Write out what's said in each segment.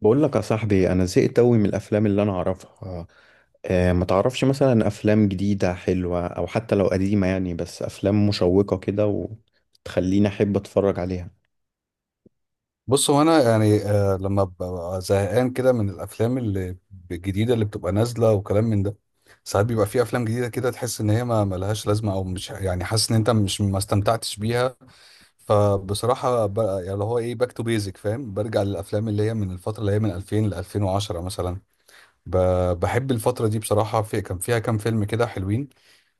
بقول لك يا صاحبي انا زهقت قوي من الافلام اللي انا اعرفها. ما تعرفش مثلا افلام جديده حلوه او حتى لو قديمه يعني بس افلام مشوقه كده وتخليني احب اتفرج عليها. بص هو انا يعني لما ببقى زهقان كده من الافلام اللي الجديده اللي بتبقى نازله وكلام من ده. ساعات بيبقى في افلام جديده كده، تحس ان هي ما ملهاش لازمه او مش يعني حاسس ان انت مش ما استمتعتش بيها. فبصراحه يعني اللي هو ايه باك تو بيزك، فاهم؟ برجع للافلام اللي هي من الفتره اللي هي من 2000 ل 2010 مثلا. بحب الفتره دي بصراحه، في كان فيها كام فيلم كده حلوين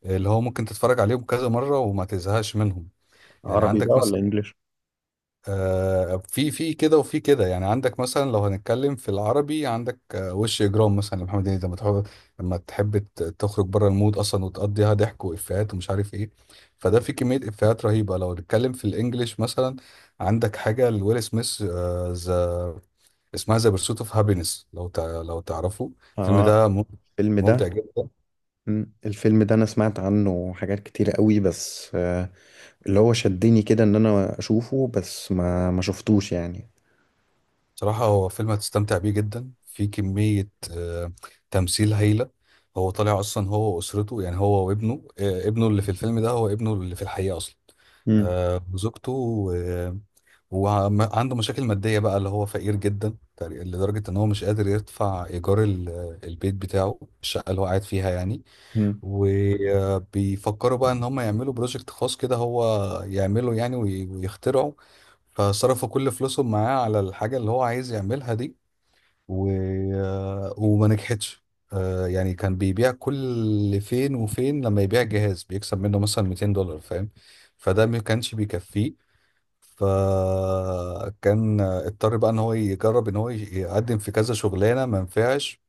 اللي هو ممكن تتفرج عليهم كذا مره وما تزهقش منهم. يعني عربي عندك بقى ولا مثلا انجليش؟ في كده وفي كده. يعني عندك مثلا لو هنتكلم في العربي، عندك وش اجرام مثلا لمحمد هنيدي، لما تحب تخرج بره المود اصلا وتقضيها ضحك وافيهات ومش عارف ايه. فده في كميه افيهات رهيبه. لو نتكلم في الانجليش مثلا، عندك حاجه لويل سميث، ذا اسمها ذا بيرسوت اوف هابينس، لو تعرفه. الفيلم اه، ده الفيلم ممتع ده. جدا. الفيلم ده انا سمعت عنه حاجات كتيره قوي بس اللي هو شدني كده ان انا اشوفه بس ما شفتوش يعني. صراحة هو فيلم هتستمتع بيه جدا، في كمية تمثيل هايلة. هو طالع أصلا هو وأسرته، يعني هو وابنه، ابنه اللي في الفيلم ده هو ابنه اللي في الحقيقة أصلا. مم. وزوجته. وعنده مشاكل مادية بقى، اللي هو فقير جدا لدرجة إن هو مش قادر يدفع إيجار البيت بتاعه، الشقة اللي هو قاعد فيها يعني. مم. وبيفكروا بقى ان هم يعملوا بروجكت خاص كده، هو يعمله يعني ويخترعه. فصرفوا كل فلوسهم معاه على الحاجة اللي هو عايز يعملها دي، و... وما نجحتش. يعني كان بيبيع، كل فين وفين لما يبيع جهاز بيكسب منه مثلا $200، فاهم؟ فده ما كانش بيكفيه. فكان اضطر بقى ان هو يجرب ان هو يقدم في كذا شغلانه، ما نفعش.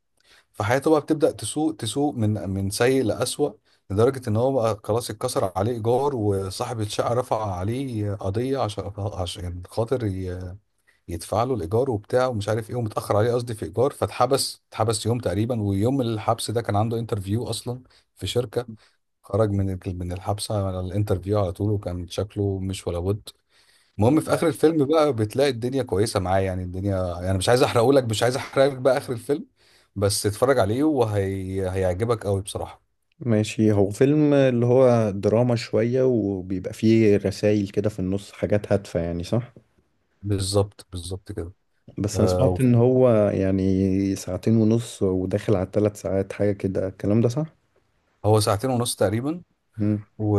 فحياته بقى بتبدأ تسوء تسوء، من سيء لأسوأ. لدرجة إن هو بقى خلاص اتكسر عليه إيجار، وصاحب الشقة رفع عليه قضية عشان خاطر يدفع له الإيجار وبتاع ومش عارف إيه، ومتأخر عليه، قصدي في إيجار، فاتحبس، اتحبس يوم تقريبا، ويوم الحبس ده كان عنده انترفيو أصلا في شركة. خرج من من الحبسة على الانترفيو على طول، وكان شكله مش ولا بد. المهم في اخر الفيلم بقى بتلاقي الدنيا كويسه معاه، يعني الدنيا يعني، مش عايز احرقه لك، مش عايز احرق لك بقى اخر الفيلم، بس اتفرج عليه وهي هيعجبك قوي بصراحه. ماشي، هو فيلم اللي هو دراما شويه وبيبقى فيه رسائل كده في النص حاجات هادفه يعني، صح؟ بالظبط بالظبط كده. بس انا آه. سمعت ان هو يعني ساعتين ونص وداخل على ثلاث ساعات حاجة كده، الكلام ده صح؟ هو ساعتين ونص تقريبا. مم. و...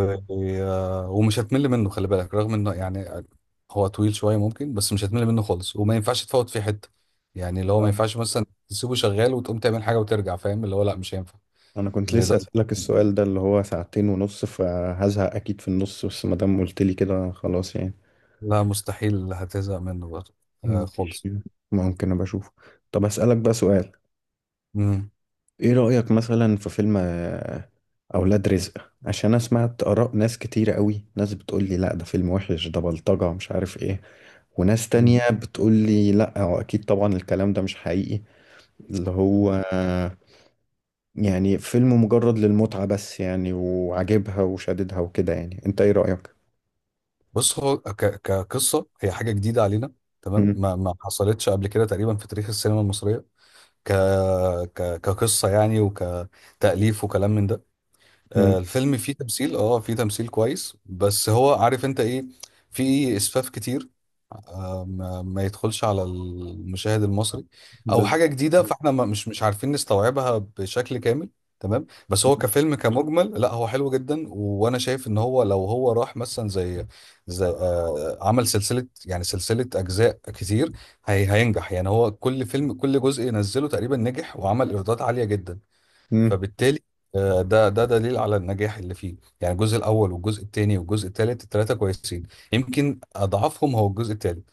ومش هتمل منه، خلي بالك، رغم انه يعني هو طويل شويه ممكن، بس مش هتمل منه خالص، وما ينفعش تفوت فيه حته. يعني اللي هو ما انا ينفعش مثلا تسيبه شغال وتقوم تعمل حاجه وترجع، فاهم؟ اللي هو لا، مش هينفع أنا كنت لسه لدرجه. اسألك السؤال ده اللي هو ساعتين ونص فهزهق اكيد في النص، بس ما دام قلت لي كده خلاص يعني. لا، مستحيل هتزهق منه برضه. آه مم. خالص. ماشي. ممكن ابقى اشوفه. طب اسألك بقى سؤال، مم. ايه رأيك مثلا في فيلم اولاد رزق؟ عشان انا سمعت اراء ناس كتيرة قوي، ناس بتقول لي لا ده فيلم وحش ده بلطجة مش عارف ايه، وناس تانية بتقول لي لا هو اكيد طبعا الكلام ده مش حقيقي، اللي هو يعني فيلم مجرد للمتعة بس يعني وعاجبها وشاددها وكده، يعني انت ايه رأيك؟ بص هو كقصه هي حاجه جديده علينا، تمام. مم. ما حصلتش قبل كده تقريبا في تاريخ السينما المصريه. ك... كقصه يعني، وكتاليف وكلام من ده. مم. آه الفيلم فيه تمثيل، اه فيه تمثيل كويس، بس هو عارف انت ايه؟ في اسفاف كتير، ما يدخلش على المشاهد المصري. او بز... حاجه جديده، فاحنا مش عارفين نستوعبها بشكل كامل، تمام. بس هو كفيلم كمجمل لا، هو حلو جدا، وانا شايف ان هو لو هو راح مثلا زي عمل سلسله، يعني سلسله اجزاء كتير، هي هينجح. يعني هو كل فيلم كل جزء ينزله تقريبا نجح وعمل ايرادات عاليه جدا. مم. فبالتالي ده دليل على النجاح اللي فيه. يعني الجزء الاول والجزء الثاني والجزء الثالث الثلاثه كويسين، يمكن اضعفهم هو الجزء الثالث.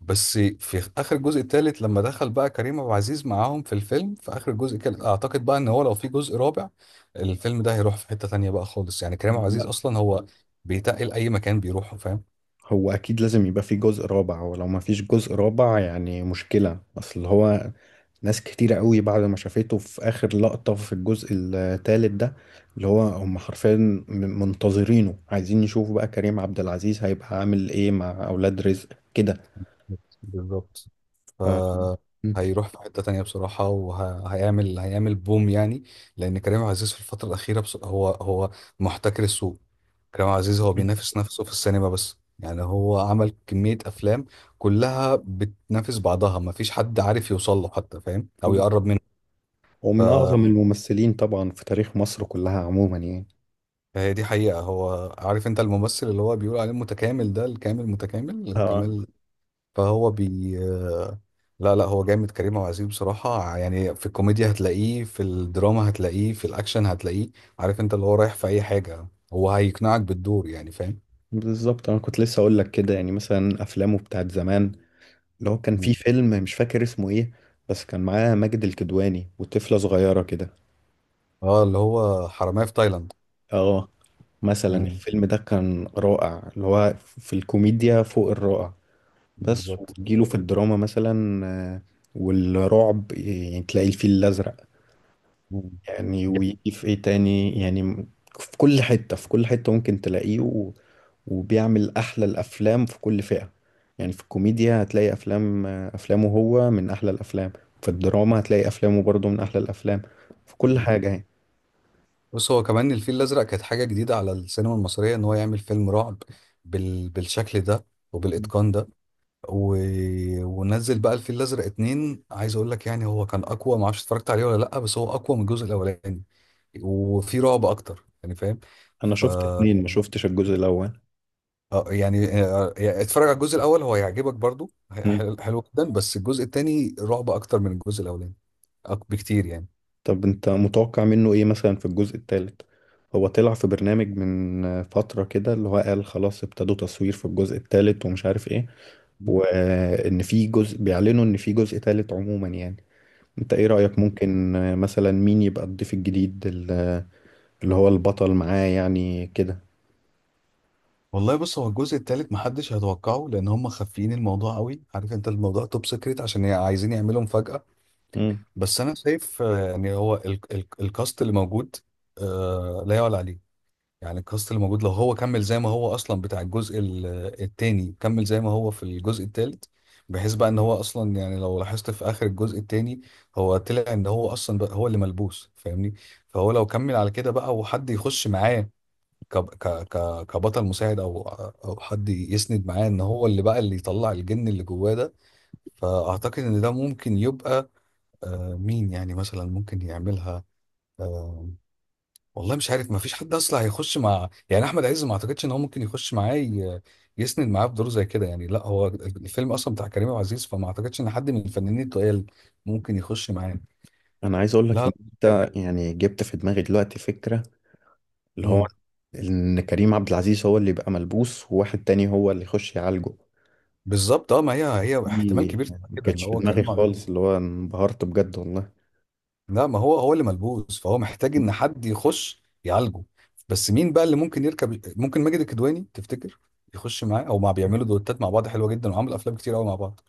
بس في اخر الجزء الثالث لما دخل بقى كريم عبد العزيز معاهم في الفيلم، في اخر الجزء، كان اعتقد بقى ان هو لو في جزء رابع، الفيلم ده هيروح في حته تانيه بقى خالص، يعني كريم عبد العزيز لا، اصلا هو بيتقل اي مكان بيروحه، فاهم؟ هو اكيد لازم يبقى في جزء رابع، ولو ما فيش جزء رابع يعني مشكلة، اصل هو ناس كتيرة قوي بعد ما شافته في اخر لقطة في الجزء الثالث ده اللي هو هم حرفيا منتظرينه، عايزين يشوفوا بقى كريم عبد العزيز هيبقى عامل ايه مع اولاد رزق كده. بالظبط. ف... فهيروح في حتة تانية بصراحة، وهيعمل بوم يعني. لأن كريم عبد العزيز في الفترة الأخيرة هو محتكر السوق. كريم عبد العزيز هو بينافس نفسه في السينما، بس يعني هو عمل كمية أفلام كلها بتنافس بعضها، مفيش حد عارف يوصل له حتى، فاهم؟ أو مم. يقرب منه. ف- ومن أعظم الممثلين طبعا في تاريخ مصر كلها عموما يعني. فهي دي حقيقة. هو عارف أنت الممثل اللي هو بيقول عليه متكامل، ده الكامل متكامل اه، الكمال. فهو بي لا لا، هو جامد كريم عبد العزيز بصراحة يعني، في الكوميديا هتلاقيه، في الدراما هتلاقيه، في الأكشن هتلاقيه. عارف أنت اللي هو رايح في أي حاجة، هو هيقنعك بالدور يعني، فاهم؟ بالظبط. أنا كنت لسه أقول لك كده يعني، مثلا أفلامه بتاعت زمان اللي هو كان مم. في فيلم مش فاكر اسمه إيه بس كان معاه ماجد الكدواني وطفلة صغيرة كده. اه اللي هو حرامية في تايلاند. اه، مثلا مم. الفيلم ده كان رائع، اللي هو في الكوميديا فوق الرائع. بس بالظبط. وتجيله في الدراما مثلا، آه، والرعب، يعني تلاقي الفيل الأزرق، مم. يعني دي ويجي في إيه تاني يعني. في كل حتة، في كل حتة ممكن تلاقيه، وبيعمل أحلى الأفلام في كل فئة يعني. في الكوميديا هتلاقي أفلام، أفلامه هو من أحلى الأفلام، في الدراما هتلاقي أفلامه برضه من أحلى الأفلام، في كل حقيقة. حاجة يعني. بص هو كمان الفيل الأزرق كانت حاجة جديدة على السينما المصرية، إن هو يعمل فيلم رعب بالشكل ده وبالإتقان ده. و... ونزل بقى الفيل الازرق اتنين، عايز اقول لك يعني هو كان اقوى، ما اعرفش اتفرجت عليه ولا لا، بس هو اقوى من الجزء الاولاني وفي رعب اكتر، يعني فاهم؟ أنا ف شفت آه، اتنين، ما شفتش الجزء الأول. يعني يعني اتفرج على الجزء الاول، هو هيعجبك برضو، مم. حلو حلو جدا، بس الجزء التاني رعب اكتر من الجزء الاولاني بكتير يعني. طب أنت متوقع منه إيه مثلا في الجزء التالت؟ هو طلع في برنامج من فترة كده اللي هو قال خلاص ابتدوا تصوير في الجزء التالت ومش عارف إيه، وإن في جزء، بيعلنوا إن في جزء تالت عموما يعني. أنت إيه رأيك؟ ممكن مثلا مين يبقى الضيف الجديد اللي هو البطل معاه يعني كده؟ والله بص هو الجزء التالت محدش هيتوقعه، لان هم خافيين الموضوع قوي، عارف انت الموضوع توب سيكريت، عشان عايزين يعملوا مفاجأة. مم. بس انا شايف يعني هو الكاست اللي موجود لا يعلى عليه. يعني الكاست اللي موجود لو هو كمل زي ما هو اصلا بتاع الجزء التاني، كمل زي ما هو في الجزء التالت، بحيث بقى ان هو اصلا يعني لو لاحظت في اخر الجزء التاني، هو طلع ان هو اصلا بقى هو اللي ملبوس، فاهمني؟ فهو لو كمل على كده بقى وحد يخش معاه ك ك ك كبطل مساعد، او حد يسند معاه ان هو اللي بقى اللي يطلع الجن اللي جواه ده. فاعتقد ان ده ممكن يبقى، مين يعني مثلا ممكن يعملها. آه، والله مش عارف، ما فيش حد اصلا هيخش مع يعني احمد عز، ما اعتقدش ان هو ممكن يخش معاه يسند معاه في دور زي كده يعني. لا، هو الفيلم اصلا بتاع كريم عبد العزيز، فما اعتقدش ان حد من الفنانين التقال ممكن يخش معاه. انا عايز اقول لا لك لا، ان مش انت عارف. يعني جبت في دماغي دلوقتي فكرة، اللي هو مم. ان كريم عبد العزيز هو اللي يبقى ملبوس وواحد تاني هو اللي يخش يعالجه. بالظبط. اه ما هي احتمال دي كبير تبقى ما كده، كانتش ان في هو دماغي كريم عبد العزيز. خالص، اللي هو انبهرت بجد والله. لا ما هو اللي ملبوس، فهو محتاج ان حد يخش يعالجه. بس مين بقى اللي ممكن يركب؟ ممكن ماجد الكدواني تفتكر يخش معاه، او ما بيعملوا دوتات مع بعض حلوه جدا وعملوا افلام كتير قوي مع بعض.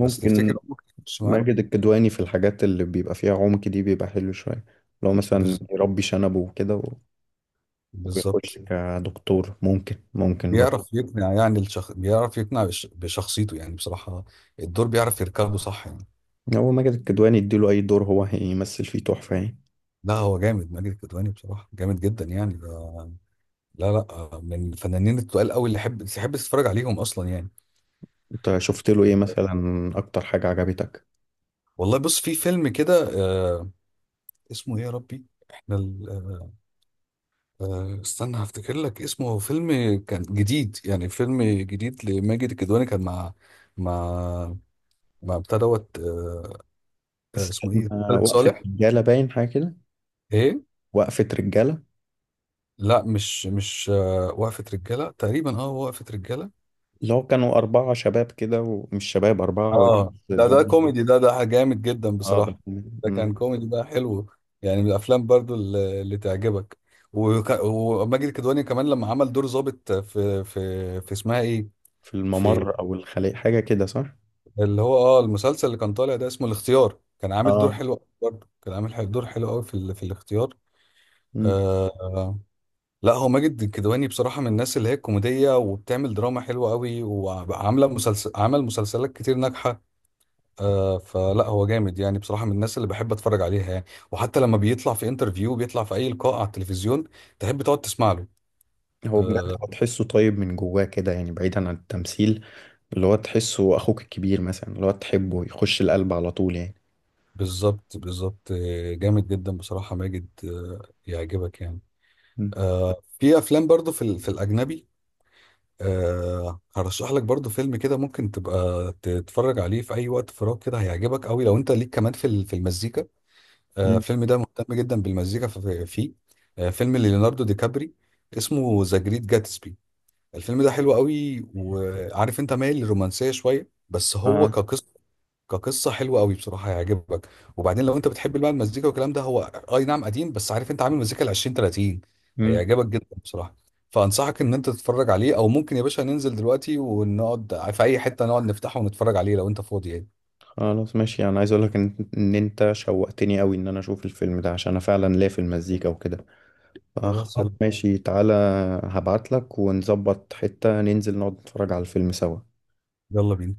بس تفتكر هو ممكن يخش معاه؟ ماجد الكدواني في الحاجات اللي بيبقى فيها عمق دي بيبقى حلو شوية، لو مثلا بز- يربي شنبه وكده ويخش بالظبط. كدكتور، ممكن، ممكن برضه. بيعرف يقنع يعني بيعرف يقنع بشخصيته يعني، بصراحة الدور بيعرف يركبه صح يعني. هو ماجد الكدواني يديله أي دور هو هيمثل فيه تحفة يعني. لا هو جامد ماجد الكدواني بصراحة، جامد جدا يعني ده... لا لا، من الفنانين التقال قوي اللي حب تحب تتفرج عليهم اصلا يعني. انت شفت له ايه مثلا، اكتر حاجة عجبتك؟ والله بص في فيلم كده، آه... اسمه ايه يا ربي، احنا ال... آه... آه، استنى هفتكر لك اسمه. هو فيلم كان جديد، يعني فيلم جديد لماجد الكدواني، كان مع مع مع بتاع دوت، اسمه ايه، استنى، خالد وقفة صالح، رجالة، باين حاجة كده. ايه. وقفة رجالة، لا مش وقفة رجالة تقريبا، اه وقفة رجالة. اللي هو كانوا أربعة شباب كده، ومش شباب أربعة وجيز اه ده اللي ده هم. كوميدي، ده جامد جدا اه، ده. بصراحة، ده مم. كان كوميدي بقى حلو. يعني من الافلام برضو اللي تعجبك. وماجد الكدواني كمان لما عمل دور ضابط في في اسمها ايه، في في الممر أو الخلية حاجة كده، صح؟ اللي هو اه المسلسل اللي كان طالع ده اسمه الاختيار، كان عامل دور اه. حلو أوي برضو، كان عامل دور حلو قوي في في الاختيار. مم. آه. لا هو ماجد الكدواني بصراحة من الناس اللي هي كوميدية وبتعمل دراما حلوة قوي، وعاملة مسلسل، عمل مسلسلات كتير ناجحة. آه فلا هو جامد يعني بصراحة من الناس اللي بحب اتفرج عليها يعني. وحتى لما بيطلع في انترفيو، بيطلع في اي لقاء على التلفزيون، تحب تقعد تسمع له. هو بجد آه هو تحسه طيب من جواه كده يعني بعيدا عن التمثيل، اللي هو تحسه أخوك الكبير مثلا اللي هو تحبه، يخش القلب على طول يعني. بالظبط بالظبط. جامد جدا بصراحة، ماجد آه يعجبك يعني. مم. آه في افلام برضو في في الاجنبي. أه هرشح لك برضو فيلم كده، ممكن تبقى تتفرج عليه في اي وقت فراغ كده، هيعجبك قوي لو انت ليك كمان في في المزيكا. أه مم. الفيلم ده مهتم جدا بالمزيكا فيه. أه فيلم ليوناردو دي كابري، اسمه ذا جريت جاتسبي. الفيلم ده حلو قوي، وعارف انت مايل للرومانسية شوية، بس هو اه. كقصة كقصه حلوه قوي بصراحه، هيعجبك. وبعدين لو انت بتحب بقى المزيكا والكلام ده، هو اي نعم قديم، بس عارف انت عامل مزيكا ال 20 30، مم. هيعجبك جدا بصراحه. فانصحك ان انت تتفرج عليه، او ممكن يا باشا ننزل دلوقتي ونقعد في اي حته، نقعد نفتحه ونتفرج عليه لو انت فاضي يعني. خلاص ماشي، انا عايز اقول لك ان إن انت شوقتني قوي ان انا اشوف الفيلم ده، عشان انا فعلا ليا في المزيكا وكده. خلاص فخلاص يلا. ماشي تعالى، هبعت لك ونظبط حتة ننزل نقعد نتفرج على الفيلم سوا. يلا بينا.